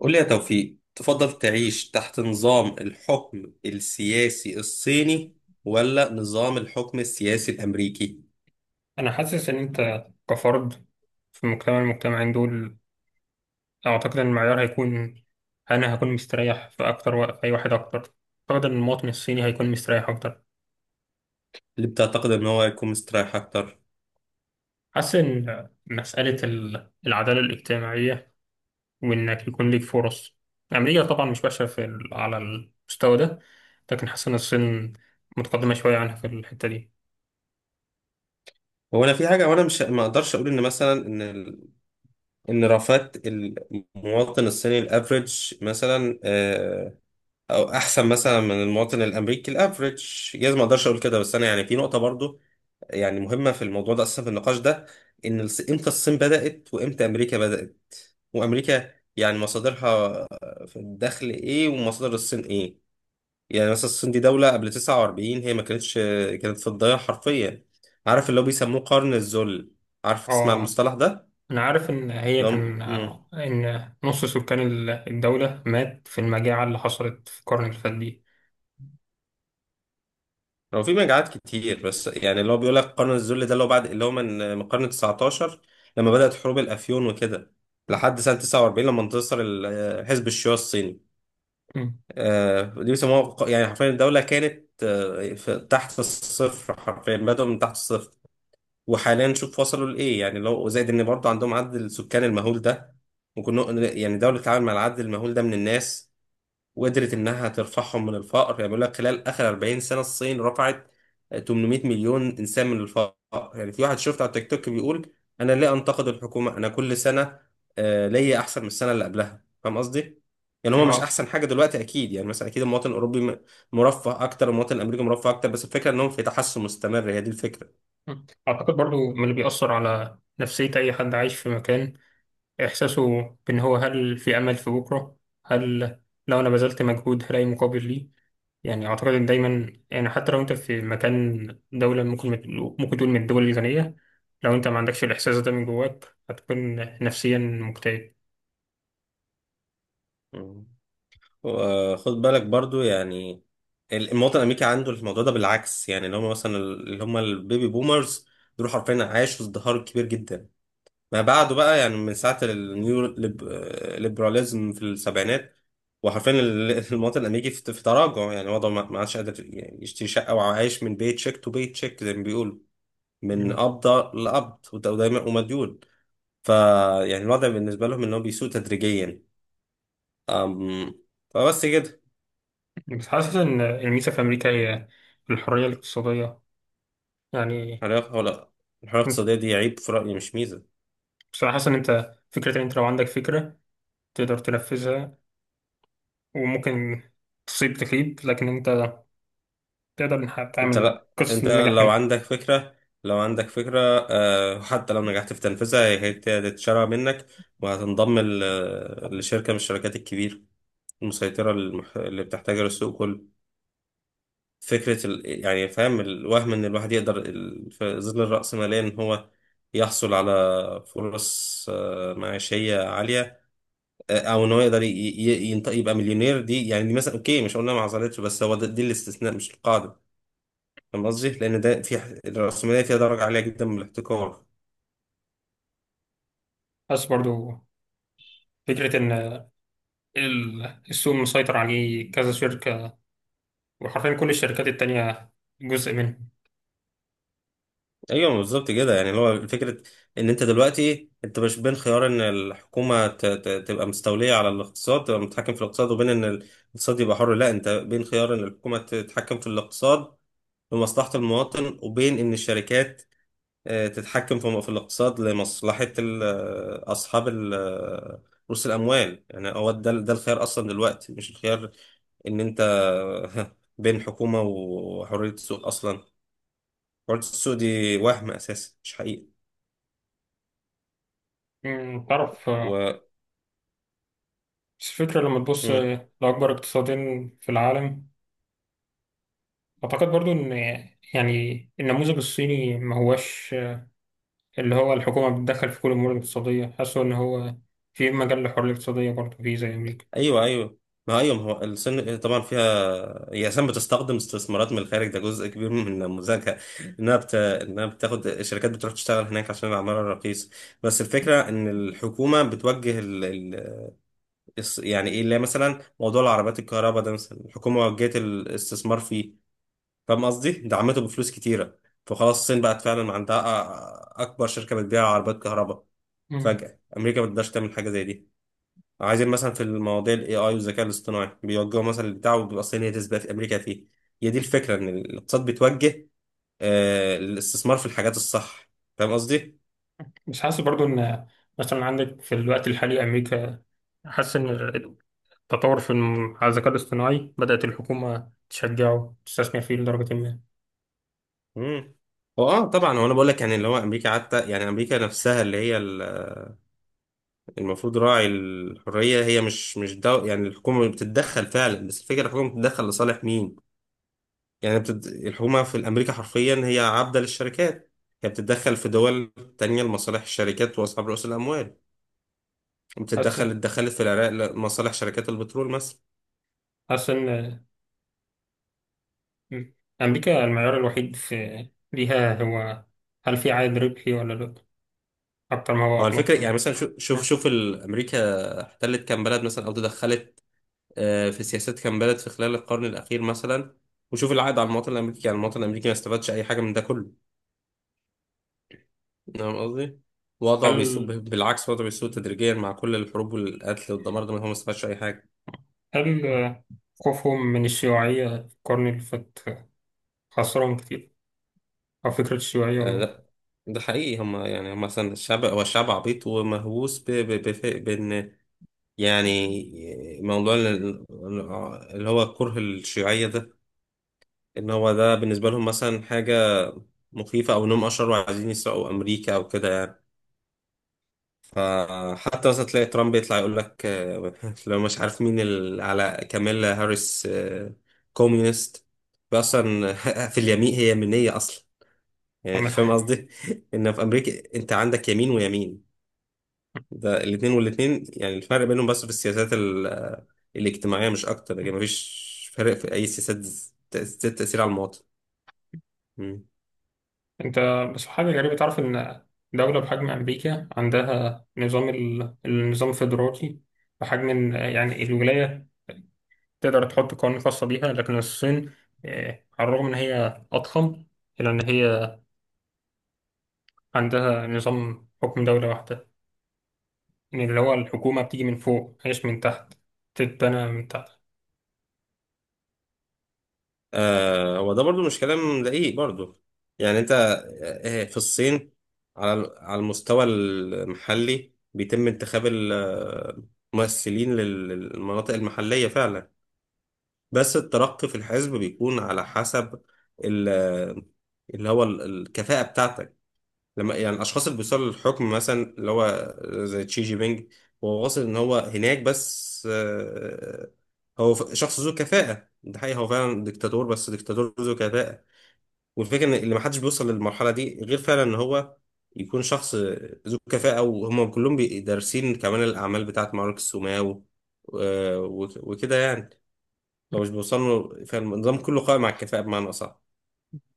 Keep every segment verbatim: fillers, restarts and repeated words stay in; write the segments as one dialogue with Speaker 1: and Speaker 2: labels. Speaker 1: قول لي يا توفيق، تفضل تعيش تحت نظام الحكم السياسي الصيني ولا نظام الحكم السياسي الامريكي؟
Speaker 2: أنا حاسس إن أنت كفرد في مجتمع المجتمعين دول. أعتقد إن المعيار هيكون أنا هكون مستريح في أكتر وقت أي واحد أكتر. أعتقد إن المواطن الصيني هيكون مستريح أكتر.
Speaker 1: اللي بتعتقد ان هو هيكون مستريح اكتر.
Speaker 2: حاسس إن مسألة ال- العدالة الاجتماعية، وإنك يكون ليك فرص. أمريكا طبعا مش وحشة في ال- على المستوى ده، لكن حاسس إن الصين متقدمة شوية عنها في الحتة دي.
Speaker 1: هو انا في حاجه وانا مش ما اقدرش اقول ان مثلا ان ال- ان رفات المواطن الصيني الافريج مثلا آه، او احسن مثلا من المواطن الامريكي الافريج. جايز ما اقدرش اقول كده، بس انا يعني في نقطه برضو يعني مهمه في الموضوع ده، اصلا في النقاش ده، ان الص- امتى الصين بدات وامتى امريكا بدات، وامريكا يعني مصادرها في الدخل ايه ومصادر الصين ايه. يعني مثلا الصين دي دولة قبل تسعة وأربعين هي ما كانتش كانت في الضياع حرفيا. عارف اللي هو بيسموه قرن الذل؟ عارف تسمع
Speaker 2: آه،
Speaker 1: المصطلح ده؟
Speaker 2: أنا عارف إن هي
Speaker 1: اللي هو
Speaker 2: كان
Speaker 1: مم.
Speaker 2: إن نص سكان ال- الدولة مات في المجاعة اللي حصلت في القرن اللي فات دي.
Speaker 1: هو في مجاعات كتير، بس يعني اللي هو بيقول لك قرن الذل ده اللي هو بعد اللي هو من من القرن تسعتاشر، لما بدأت حروب الافيون وكده لحد سنة تسعة وأربعين، لما انتصر ال- حزب الشيوعي الصيني.
Speaker 2: مم.
Speaker 1: آه، دي بيسموها ق- يعني حرفيا الدولة كانت آه، في- تحت الصفر حرفيا، بدأوا من تحت الصفر. وحاليا شوف وصلوا لإيه، يعني لو زائد إن برضه عندهم عدد السكان المهول ده. ممكن نق- يعني دولة تتعامل مع العدد المهول ده من الناس وقدرت انها ترفعهم من الفقر. يعني بيقول لك خلال اخر أربعين سنه الصين رفعت ثمانمائة مليون انسان من الفقر. يعني في واحد شفت على التيك توك بيقول: انا ليه انتقد الحكومه؟ انا كل سنه آه، ليا احسن من السنه اللي قبلها. فاهم قصدي؟ يعني هو مش
Speaker 2: آه.
Speaker 1: احسن حاجه دلوقتي اكيد، يعني مثلا اكيد المواطن الاوروبي م- مرفه اكتر، المواطن الامريكي مرفه اكتر، بس الفكره انهم في تحسن مستمر، هي دي الفكره.
Speaker 2: مم. أعتقد برضو من اللي بيأثر على نفسية أي حد عايش في مكان إحساسه، بإن هو، هل في أمل في بكرة؟ هل لو أنا بذلت مجهود هلاقي مقابل ليه؟ يعني أعتقد إن دايما، يعني حتى لو أنت في مكان دولة ممكن ممكن تقول من الدول الغنية، لو أنت ما عندكش الإحساس ده من جواك هتكون نفسيا مكتئب.
Speaker 1: مم. وخد بالك برضو يعني المواطن الامريكي عنده الموضوع ده بالعكس، يعني اللي هم مثلا اللي هم البيبي بومرز دول حرفيا عاشوا ازدهار كبير جدا ما بعده بقى، يعني من ساعه النيو ليب- ليبراليزم في السبعينات وحرفيا ال- المواطن الامريكي في في تراجع، يعني وضعه ما ما عادش قادر يعني يشتري شقه، وعايش من بيت شيك تو بيت شيك زي ما بيقولوا، من
Speaker 2: مم.
Speaker 1: قبضه لقبض، وده- ودايما ومديون. فيعني الوضع بالنسبه لهم ان هو بيسوء تدريجيا. أم، فبس كده.
Speaker 2: بس حاسس إن الميزة في أمريكا هي الحرية الاقتصادية، يعني
Speaker 1: حرية ولا؟ الحرية الاقتصادية دي عيب في رأيي، مش ميزة.
Speaker 2: بصراحة حاسس إن أنت، فكرة إن أنت لو عندك فكرة تقدر تنفذها، وممكن تصيب تخيب، لكن انت تقدر إنك
Speaker 1: انت
Speaker 2: تعمل
Speaker 1: لا
Speaker 2: قصة
Speaker 1: انت
Speaker 2: نجاح
Speaker 1: لو
Speaker 2: منها.
Speaker 1: عندك فكرة، لو عندك فكرة، آه، حتى لو نجحت في تنفيذها هي هي هتتشرع منك وهتنضم ل- لشركة من الشركات الكبيرة المسيطرة، المح- اللي بتحتاجها للسوق كله. فكرة ال... يعني فاهم، الوهم ان الواحد يقدر ال... في ظل الرأسمالية ان هو يحصل على فرص آه، معيشية عالية، آه، او ان هو يقدر ي- ي- ينط- يبقى مليونير. دي يعني دي مثلا اوكي، مش قلنا ما حصلتش، بس هو ده- دي الاستثناء مش القاعده. فاهم قصدي؟ لان ده في ح- الرأسمالية فيها درجه عاليه جدا من الاحتكار.
Speaker 2: بس برضو فكرة إن ال- السوق مسيطر عليه كذا شركة، وحرفيا كل الشركات التانية جزء منه.
Speaker 1: ايوه بالظبط كده، يعني اللي هو فكره ان انت دلوقتي انت مش بين خيار ان الحكومه ت- ت- تبقى مستوليه على الاقتصاد، تبقى متحكم في الاقتصاد، وبين ان الاقتصاد يبقى حر. لا انت بين خيار ان الحكومه تتحكم في الاقتصاد لمصلحه المواطن، وبين ان الشركات آه، تتحكم في في الاقتصاد لمصلحة ال- آه، أصحاب ال- آه، رؤوس الأموال. يعني هو ده ده الخيار أصلا دلوقتي، مش الخيار إن أنت بين حكومة وحرية السوق أصلا. حرية السوق دي وهم أساسا مش حقيقة.
Speaker 2: أمم، تعرف، آه،
Speaker 1: و...
Speaker 2: بس الفكرة لما تبص
Speaker 1: مم.
Speaker 2: لأكبر اقتصادين في العالم، أعتقد برضو إن يعني النموذج الصيني ما هواش، آه، اللي هو الحكومة بتتدخل في كل الأمور الاقتصادية. حاسه إن هو في مجال للحرية الاقتصادية برضو فيه زي أمريكا.
Speaker 1: أيوه أيوه. ما أيوه، ما هو السن طبعا فيها. هي أساسا بتستخدم استثمارات من الخارج، ده جزء كبير من نموذجها. إنها بت... إنها بتاخد الشركات بتروح تشتغل هناك عشان العمالة رخيصة. بس الفكرة إن الحكومة بتوجه ال... الص- يعني ايه، اللي هي مثلا موضوع العربيات الكهرباء ده مثلا، الحكومه وجهت الاستثمار فيه. فاهم قصدي؟ دعمته بفلوس كتيره، فخلاص الصين بقت فعلا عندها أ- اكبر شركه بتبيع عربيات كهرباء. فجاه امريكا ما تقدرش تعمل حاجه زي دي. عايزين مثلا في المواضيع الاي اي والذكاء الاصطناعي بيوجهوا مثلا البتاع، وبيبقى الصين هي تسبق في امريكا فيه. هي دي الفكره، ان الاقتصاد بيتوجه آه للاستثمار في الحاجات الصح. فاهم قصدي؟
Speaker 2: بس حاسس برضو ان مثلا عندك في الوقت الحالي امريكا، حاسس ان التطور في الم- على الذكاء الاصطناعي بدأت الحكومة تشجعه تستثمر فيه لدرجة ما.
Speaker 1: امم، هو اه طبعا، هو انا بقول لك يعني اللي هو امريكا حتى، يعني امريكا نفسها اللي هي المفروض راعي الحرية، هي مش مش دو، يعني الحكومة بتتدخل فعلا، بس الفكرة الحكومة بتتدخل لصالح مين؟ يعني بتد... الحكومة في الأمريكا حرفيا هي عبدة للشركات. هي بتتدخل في دول تانية لمصالح الشركات وأصحاب رؤوس الأموال.
Speaker 2: حاسس
Speaker 1: بتتدخل، اتدخلت في العراق لمصالح شركات البترول مثلا.
Speaker 2: حاسس ان امريكا المعيار الوحيد، في ليها هو هل في عائد ربحي ولا لا، اكتر ما هو
Speaker 1: هو
Speaker 2: اخلاق
Speaker 1: الفكرة يعني
Speaker 2: يعني.
Speaker 1: مثلا شو- شوف شوف ال- أمريكا احتلت كام بلد مثلا، أو تدخلت آه، في سياسات كام بلد في خلال القرن الأخير مثلا، وشوف العائد على المواطن الأمريكي. يعني المواطن الأمريكي ما استفادش أي حاجة من ده كله. فاهم قصدي؟ وضعه بيسوء،
Speaker 2: هل
Speaker 1: بالعكس وضعه بيسوء تدريجيا مع كل الحروب والقتل والدمار ده، ما هو ما استفادش اي حاجه.
Speaker 2: هل خوفهم من الشيوعية في القرن اللي فات خسرهم كتير، او فكرة
Speaker 1: آه
Speaker 2: الشيوعية؟
Speaker 1: لا، ده حقيقي. هم يعني هم مثلا الشعب، هو الشعب عبيط ومهووس ب- ب- بف- بان، يعني موضوع ال- اللي هو كره الشيوعيه ده، ان هو ده بالنسبه لهم مثلا حاجه مخيفه، او انهم اشرار وعايزين يسرقوا امريكا او كده يعني. فحتى مثلا تلاقي ترامب يطلع يقول لك آه، لو مش عارف مين ال- على كاميلا هاريس، آه، كوميونست بقى اصلا في اليمين هي يمينيه اصلا، يعني
Speaker 2: عمل
Speaker 1: فاهم
Speaker 2: حاجة.
Speaker 1: قصدي؟ ان في امريكا انت عندك يمين ويمين. ده الاثنين والاثنين يعني الفرق بينهم بس في السياسات ال- آه، الاجتماعيه مش اكتر، لكن مفيش فرق في اي سياسات ذات تاثير على المواطن.
Speaker 2: انت، بس حاجة غريبة، تعرف ان دولة بحجم امريكا عندها نظام ال... النظام الفيدرالي، بحجم ان يعني الولاية تقدر تحط قوانين خاصة بيها. لكن الصين، آه، على الرغم ان هي اضخم، الا ان هي عندها نظام حكم دولة واحدة. يعني اللي هو الحكومة بتيجي من فوق مش من تحت، تتبنى من تحت.
Speaker 1: آه، هو ده برضو مش كلام دقيق برضو. يعني انت آه، في الصين على على المستوى المحلي بيتم انتخاب الممثلين للمناطق المحلية فعلا، بس الترقي في الحزب بيكون على حسب ال- آه، اللي هو ال- الكفاءة بتاعتك. لما يعني الاشخاص اللي بيوصلوا للحكم، مثلا اللي هو زي تشي جي بينج، هو واصل ان هو هناك، بس آه، هو ف- شخص ذو كفاءة. ده حقيقي، هو فعلا ديكتاتور بس ديكتاتور ذو كفاءة. والفكرة ان اللي محدش بيوصل للمرحلة دي غير فعلا ان هو يكون شخص ذو كفاءة، وهم كلهم بي- دارسين كمان الأعمال بتاعت ماركس وماو و- وكده يعني. هو مش بيوصلوا، فالنظام كله قائم على الكفاءة بمعنى أصح.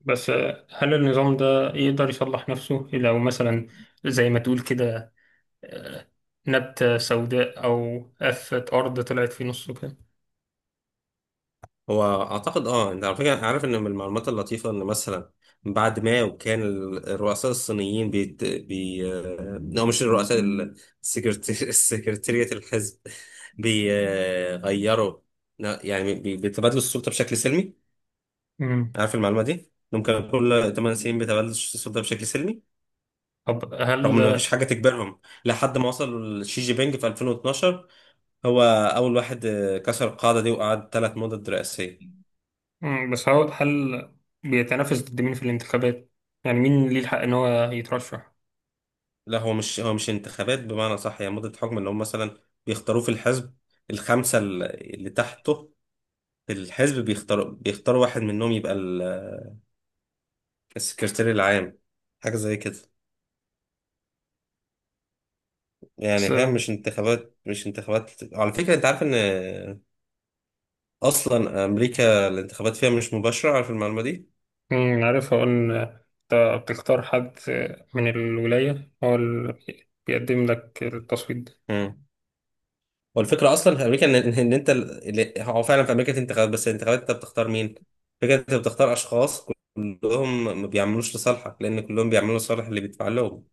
Speaker 2: بس آه، هل النظام ده يقدر يصلح نفسه، لو مثلا زي ما تقول كده، نبتة سوداء أو قفة أرض طلعت في نصه كده؟
Speaker 1: هو اعتقد اه، انت على فكره عارف ان من المعلومات اللطيفه ان مثلا بعد ما كان ال- الرؤساء الصينيين بيت... بي آه، او مش الرؤساء ال- السكرت... السكرتيرية الحزب بيغيروا، يعني بي... بيتبادلوا السلطه بشكل سلمي.
Speaker 2: مم.
Speaker 1: عارف المعلومه دي؟ انهم كانوا كل ثمانية سنين بيتبادلوا السلطه بشكل سلمي،
Speaker 2: طب
Speaker 1: رغم
Speaker 2: هل.
Speaker 1: ان مفيش حاجه تجبرهم، لحد ما وصل شي جي بينج في ألفين واثنا عشر. هو اول واحد آه، كسر القاعده دي وقعد ثلاث مدد رئاسيه.
Speaker 2: مم، بس هو هل بيتنافس ضد مين في الانتخابات؟ يعني مين ليه الحق إن هو يترشح؟
Speaker 1: لا هو مش، هو مش انتخابات بمعنى صح. يعني مدة حكم اللي هم مثلا بيختاروه في الحزب، الخمسة ال- اللي تحته في الحزب بيختاروا بيختاروا واحد منهم يبقى ال- السكرتير العام، حاجة زي كده يعني. فاهم؟
Speaker 2: بس.
Speaker 1: مش انتخابات، مش انتخابات. على فكرة انت عارف ان اصلا امريكا الانتخابات فيها مش مباشرة؟ عارف المعلومة دي؟
Speaker 2: مم، عارف هو إن أنت بتختار حد من الولاية هو اللي بي- بيقدم لك التصويت ده.
Speaker 1: مم. والفكره اصلا في امريكا ان ان إن انت اللي هو فعلا في امريكا انتخابات، بس الانتخابات انت بتختار مين؟ فكره انت بتختار اشخاص كلهم ما بيعملوش لصالحك، لان كلهم بيعملوا لصالح اللي بيدفع لهم.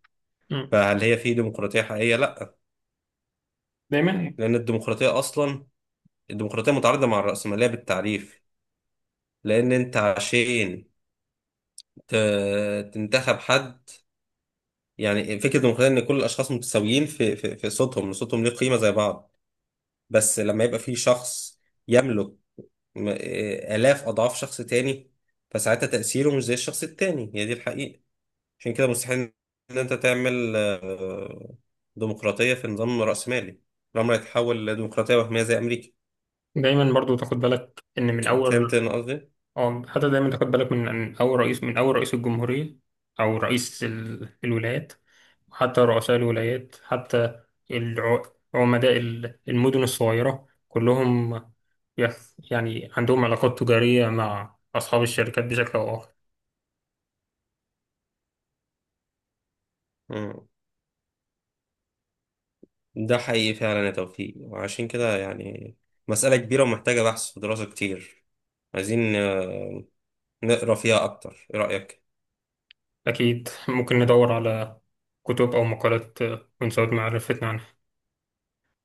Speaker 2: مم.
Speaker 1: فهل هي في ديمقراطيه حقيقيه؟ لا.
Speaker 2: دايما
Speaker 1: لان الديمقراطيه اصلا، الديمقراطيه متعارضه مع الرأسمالية بالتعريف. لان انت عشان ت- تنتخب حد، يعني فكره الديمقراطيه ان كل الاشخاص متساويين في في في صوتهم، صوتهم ليه قيمه زي بعض. بس لما يبقى في شخص يملك م- آه، آلاف أضعاف شخص تاني، فساعتها تأثيره مش زي الشخص التاني، هي دي الحقيقة. عشان كده مستحيل إن أنت تعمل آه، ديمقراطية في نظام رأسمالي. الأمر هيتحول لديمقراطية وهمية زي أمريكا.
Speaker 2: دايما برضو تاخد بالك إن من
Speaker 1: فهمت
Speaker 2: أول،
Speaker 1: أنا قصدي؟
Speaker 2: أو حتى دايما تاخد بالك من من أول رئيس من أول رئيس الجمهورية، أو رئيس ال- الولايات، حتى رؤساء الولايات، حتى الع- عمداء ال- المدن الصغيرة كلهم، يخ- يعني عندهم علاقات تجارية مع أصحاب الشركات بشكل أو آخر.
Speaker 1: مم. ده حقيقي فعلا يا توفيق، وعشان كده يعني مسألة كبيرة ومحتاجة بحث ودراسة كتير. عايزين آه، نقرا فيها أكتر، إيه رأيك؟
Speaker 2: أكيد ممكن ندور على كتب أو مقالات من زود معرفتنا عن